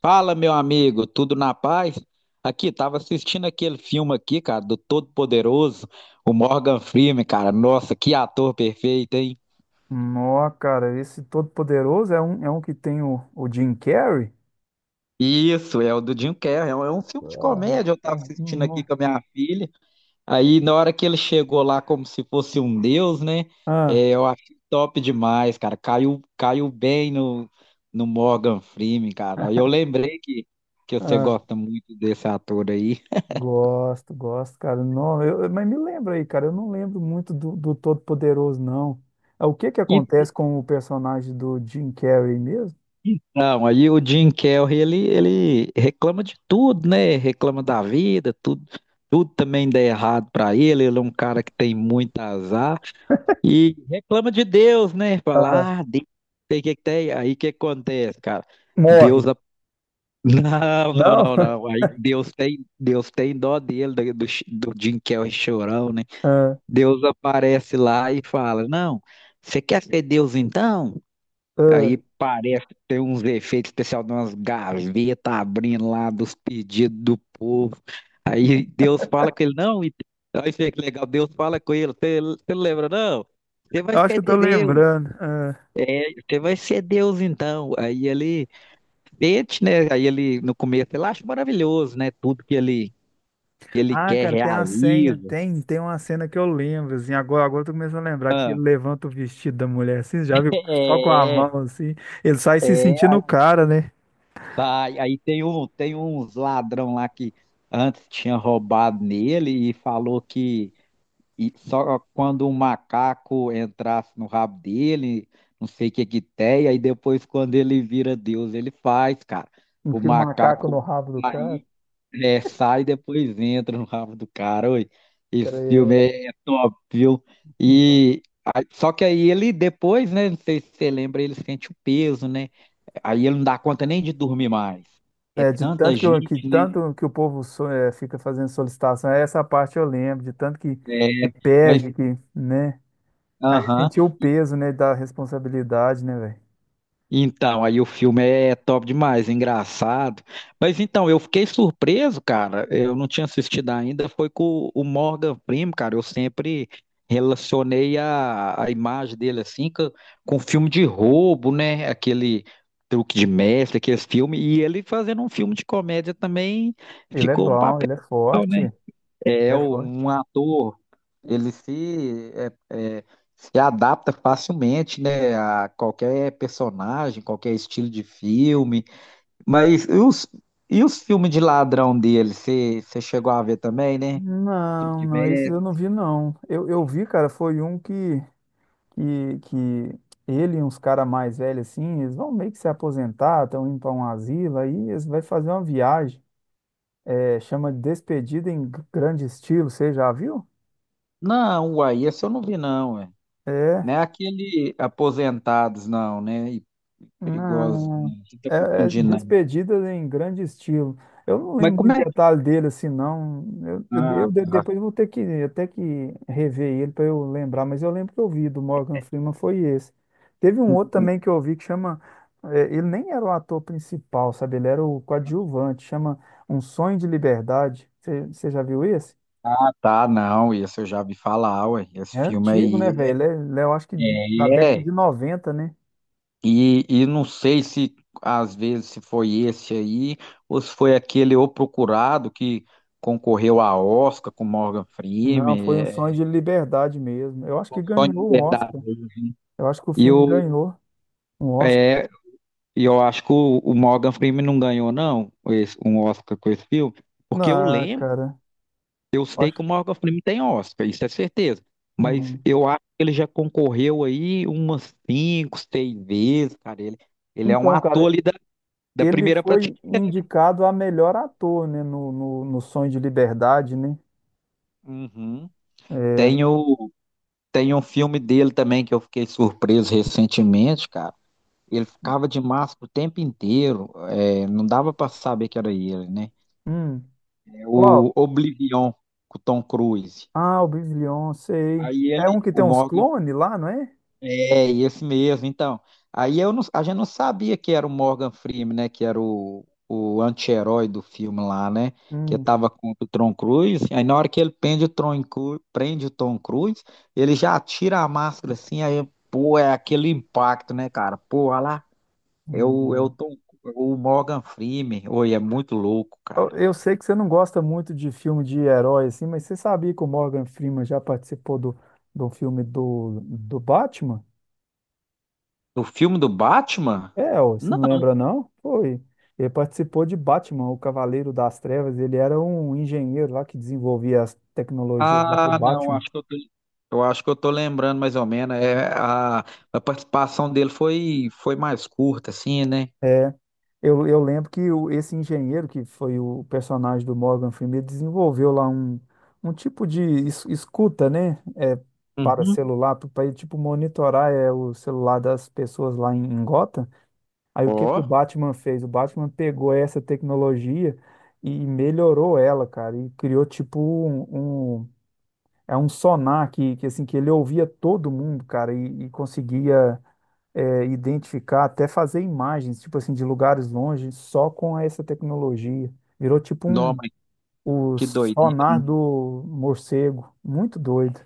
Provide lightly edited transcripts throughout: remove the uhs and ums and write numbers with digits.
Fala, meu amigo, tudo na paz? Aqui, tava assistindo aquele filme aqui, cara, do Todo-Poderoso, o Morgan Freeman, cara. Nossa, que ator perfeito, hein? Nó, cara, esse Todo-Poderoso é um que tem o Jim Carrey? Isso, é o do Jim Carrey, é um filme de Ai, comédia, eu tava ai, assistindo aqui nó. com a minha filha. Aí, na hora que ele chegou lá como se fosse um deus, né? Ah, É, eu achei top demais, cara. Caiu bem no, no Morgan Freeman, cara. Aí eu lembrei que você ah, gosta muito desse ator aí. gosto, cara. Não, mas me lembra aí, cara, eu não lembro muito do Todo-Poderoso, não. Ah, o que que acontece com o personagem do Jim Carrey mesmo? Não, aí o Jim Carrey, ele reclama de tudo, né? Reclama da vida, tudo também dá errado pra ele. Ele é um cara que tem muito azar e reclama de Deus, né? Ah, Fala, ah, Deus, sei que tem. Aí o que acontece, cara? morre. Deus, a- não, não, Não? não, não. Aí Deus tem dó dele, do Jim Carrey chorão, né? Ah, Deus aparece lá e fala, não, você quer ser Deus então? ah, Aí parece que tem uns efeitos especiais de umas gavetas abrindo lá dos pedidos do povo. Aí Deus fala com ele, não, e- aí fica legal, Deus fala com ele, você não lembra, não? Você vai eu acho ser que eu tô Deus. lembrando. É, você vai ser Deus então. Aí ele sente, né? Aí ele, no começo, ele acha maravilhoso, né? Ele Ah, quer cara, tem a senha, realiza. tem, tem uma cena que eu lembro, assim, agora eu tô começando a lembrar que ele levanta o vestido da mulher, assim, já viu? Só com a É, mão, assim, ele sai se sentindo é, o cara, né? vai. Aí tem uns ladrão lá que antes tinha roubado nele e falou que e só quando um macaco entrasse no rabo dele, não sei o que que tem, aí depois quando ele vira Deus, ele faz, cara. O Enfia o macaco no macaco rabo do cara, aí sai e depois entra no rabo do cara. Oi, esse cara, filme é top, viu? E só que aí ele depois, né? Não sei se você lembra, ele sente o peso, né? Aí ele não dá conta nem de dormir mais. É é, é, de tanta tanto que, que gente, né? tanto que o povo é, fica fazendo solicitação, é essa parte eu lembro, de tanto que É, mas, pede, que, né? Aí aham. sentiu o peso, né, da responsabilidade, né, velho? Então, aí o filme é top demais, engraçado. Mas então, eu fiquei surpreso, cara. Eu não tinha assistido ainda. Foi com o Morgan Freeman, cara. Eu sempre relacionei a imagem dele assim com filme de roubo, né? Aquele truque de mestre, aquele filme. E ele fazendo um filme de comédia também Ele é ficou um bom, papel. ele é forte, É é é o- forte. um ator, ele se, é, é, se adapta facilmente, né, a qualquer personagem, qualquer estilo de filme. Mas e os filmes de ladrão dele, você chegou a ver também, né? Truque Não, de não, isso Mestre. eu não vi, não. Eu vi, cara, foi um que ele e uns caras mais velhos, assim, eles vão meio que se aposentar, estão indo para um asilo, aí eles vão fazer uma viagem. É, chama de Despedida em Grande Estilo, você já viu? Não, uai, esse eu não vi não, ué. Não É. é aquele Aposentados, não, né? E perigosos, Não, não. Você tá é, é confundindo, não. Despedida em Grande Estilo. Eu não Mas lembro como muito é? detalhe dele assim, não. Eu, eu, Ah, eu tá. depois vou ter que até que rever ele para eu lembrar, mas eu lembro que eu vi do Morgan Freeman foi esse. Teve um Ah, outro também que eu vi que chama, é, ele nem era o ator principal, sabe? Ele era o coadjuvante. Chama Um Sonho de Liberdade. Você já viu esse? tá, tá, não, esse eu já vi falar, ué. Esse É filme antigo, né, aí é... velho? Ele é, eu acho que da década É, de noventa, né? e não sei se às vezes se foi esse aí ou se foi aquele O Procurado que concorreu a Oscar com Morgan Não, foi Freeman. Um Sonho É de Liberdade mesmo. Eu acho que ganhou um Oscar. verdade. Eu acho que o E filme eu, ganhou um Oscar. é, e eu acho que o Morgan Freeman não ganhou, não, um Oscar com esse filme, porque eu Ah, lembro, cara, eu sei que acho. o Morgan Freeman tem Oscar, isso é certeza. Mas Hum. eu acho que ele já concorreu aí umas cinco, seis vezes, cara. Ele é um Então, ator cara, ali da ele primeira foi prateleira. indicado a melhor ator, né? No Sonho de Liberdade, né? Uhum. É. Tem o, tem um filme dele também que eu fiquei surpreso recentemente, cara. Ele ficava de máscara o tempo inteiro, é, não dava pra saber que era ele, né? Hum. É Qual? o Oblivion, com o Tom Cruise. Ah, o Biblion, sei. Aí É um ele, que tem o uns Morgan clones lá, não é? É, esse mesmo, então. Aí eu não- a gente não sabia que era o Morgan Freeman, né? Que era o anti-herói do filme lá, né? Que Hum. tava contra o Tom Cruise. Aí na hora que ele prende o Tom Cruise, ele já tira a máscara assim, aí, pô, é aquele impacto, né, cara? Pô, olha lá, é o, é o Hum. Tom, o Morgan Freeman. Oi, é muito louco, cara. Eu sei que você não gosta muito de filme de herói, assim, mas você sabia que o Morgan Freeman já participou do filme do Batman? O filme do Batman? É, ó, você não lembra, não? Foi. Ele participou de Batman, o Cavaleiro das Trevas. Ele era um engenheiro lá que desenvolvia as tecnologias lá pro Ah, não, Batman. acho que eu tô, eu acho que eu tô lembrando mais ou menos. É, a participação dele foi, foi mais curta, assim, né? É, eu lembro que esse engenheiro, que foi o personagem do Morgan Freeman, ele desenvolveu lá um, um tipo de escuta, né? É, para Uhum. celular, para ele, tipo, monitorar é, o celular das pessoas lá em, em Gotham. Aí o que que o Ó, Batman fez? O Batman pegou essa tecnologia e melhorou ela, cara, e criou tipo um, é um sonar que assim que ele ouvia todo mundo, cara, e conseguia é, identificar, até fazer imagens, tipo assim, de lugares longe, só com essa tecnologia. Virou tipo não, um mas o que doideira, sonar hein? do morcego, muito doido.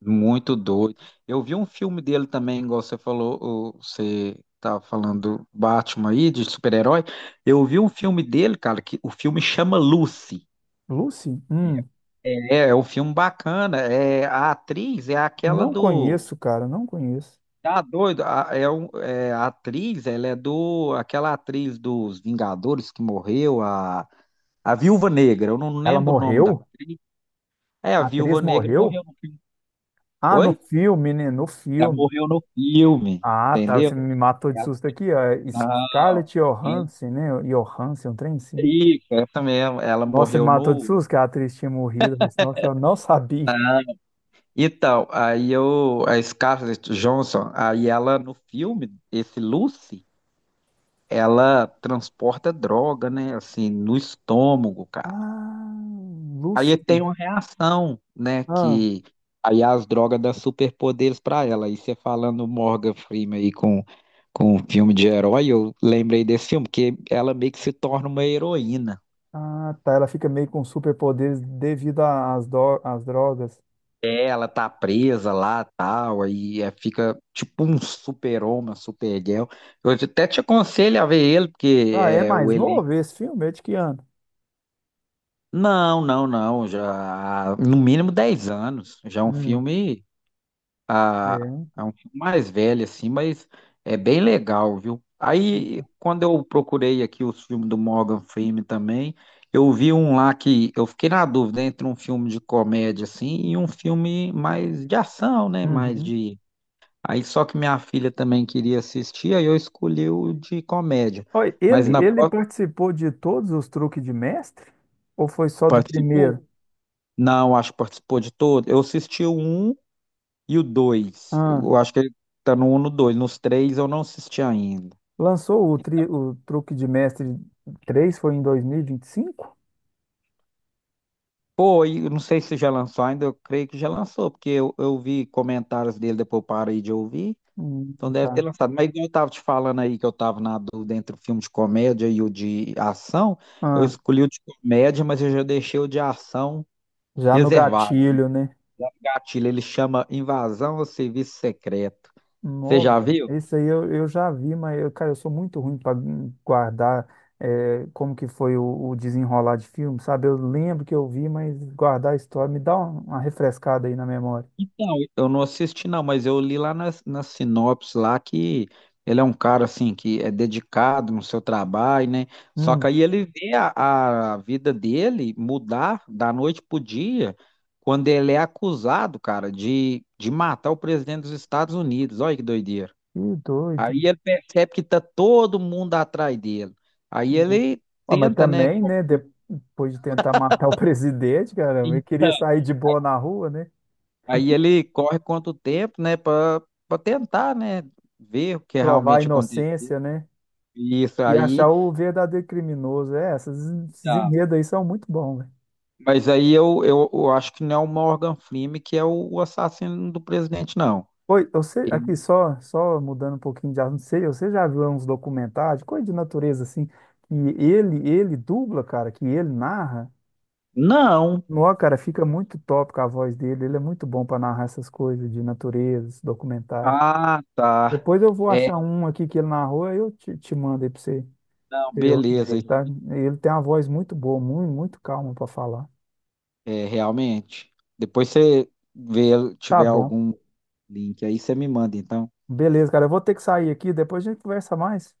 Muito doido. Eu vi um filme dele também, igual você falou, você tava falando do Batman aí, de super-herói. Eu vi um filme dele, cara, que o filme chama Lucy. Lucy? É, é um filme bacana. É, a atriz é aquela Não do... conheço, cara, não conheço. Tá doido? A atriz, ela é do. Aquela atriz dos Vingadores que morreu, a Viúva Negra. Eu não Ela lembro o nome da morreu? atriz. É, a A atriz Viúva Negra morreu morreu? no filme. Ah, no Oi? filme, né? No Ela filme. morreu no filme, Ah, tá. entendeu? Você me matou de Ela- susto aqui, ó. Não, Scarlett é Johansson, né? Johansson, um trem sim. isso, essa mesmo. Ela Nossa, me morreu matou de no. susto que a atriz tinha morrido. Eu falei assim, nossa, eu não sabia. Então, a Scarlett Johansson, aí ela no filme, esse Lucy, ela transporta droga, né? Assim, no estômago, cara. Ah, Aí Lucy. tem uma reação, né? Ah, Que aí é as drogas dão superpoderes pra ela. Aí você falando Morgan Freeman aí com um filme de herói, eu lembrei desse filme, que ela meio que se torna uma heroína. ah, tá. Ela fica meio com superpoderes devido às, às drogas. É, ela tá presa lá tal, aí é, fica tipo um super-homem, uma super-girl. Eu até te aconselho a ver ele, porque Ah, é é o mais elenco. novo esse filme? É de que ano? Não, já há no mínimo 10 anos. Já é um Hum, filme a, é. a um filme mais velho, assim, mas é bem legal, viu? Aí, quando eu procurei aqui os filmes do Morgan Freeman também, eu vi um lá que eu fiquei na dúvida entre um filme de comédia, assim, e um filme mais de ação, né? Mais Uhum. de. Aí, só que minha filha também queria assistir, aí eu escolhi o de comédia. Oi, Mas ele, na ele pró- participou de todos os Truques de Mestre? Ou foi só do participou? primeiro? Não, acho que participou de todo. Eu assisti o um e o dois. Ah. Eu acho que ele tá no um, e no dois. Nos três eu não assisti ainda. Lançou o, tri, o Truque de Mestre 3 foi em 2025? Pô, e eu não sei se já lançou ainda, eu creio que já lançou, porque eu vi comentários dele, depois eu parei de ouvir, Hum, então deve ter tá. lançado. Mas igual eu tava te falando aí que eu tava na dúvida entre o filme de comédia e o de ação, eu Ah, escolhi o de comédia, mas eu já deixei o de ação já no reservado. gatilho, né? Gatilho, ele chama Invasão ao Serviço Secreto. Você Não, já velho. viu? Esse aí eu já vi, mas, eu, cara, eu sou muito ruim para guardar é, como que foi o desenrolar de filme, sabe? Eu lembro que eu vi, mas guardar a história, me dá uma refrescada aí na memória. Então, eu não assisti não, mas eu li lá na sinopse lá que ele é um cara assim que é dedicado no seu trabalho, né? Só que Hum, aí ele vê a vida dele mudar da noite pro dia quando ele é acusado, cara, de matar o presidente dos Estados Unidos. Olha que doideira. que doido. Aí ele percebe que tá todo mundo atrás dele. Aí Não. ele Ah, mas tenta, né? também, né? Depois de tentar matar o presidente, cara, eu queria Então, sair de boa na rua, né? aí ele corre quanto tempo, né, Pra para tentar, né, ver o que Provar a realmente aconteceu. inocência, né? E isso E aí. achar o verdadeiro criminoso. É, essas, esses Tá. enredos aí são muito bons, velho. Mas eu acho que não é o Morgan Freeman que é o assassino do presidente, não. Oi, você, Ele- aqui só, só mudando um pouquinho de assunto, sei, você já viu uns documentários, coisa de natureza assim, que ele dubla, cara, que ele narra? Não. Nó, cara, fica muito top com a voz dele, ele é muito bom pra narrar essas coisas de natureza, esse documentário. Ah, tá. Depois eu vou É, achar um aqui que ele narrou, aí eu te, te mando aí pra você. não, Pra você beleza. ouvir, tá? Ele tem uma voz muito boa, muito, muito calma pra falar. É, realmente. Depois você vê, Tá tiver bom. algum link aí, você me manda, então. Beleza, cara. Eu vou ter que sair aqui, depois a gente conversa mais.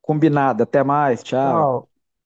Combinado. Até mais. Tchau. Tchau.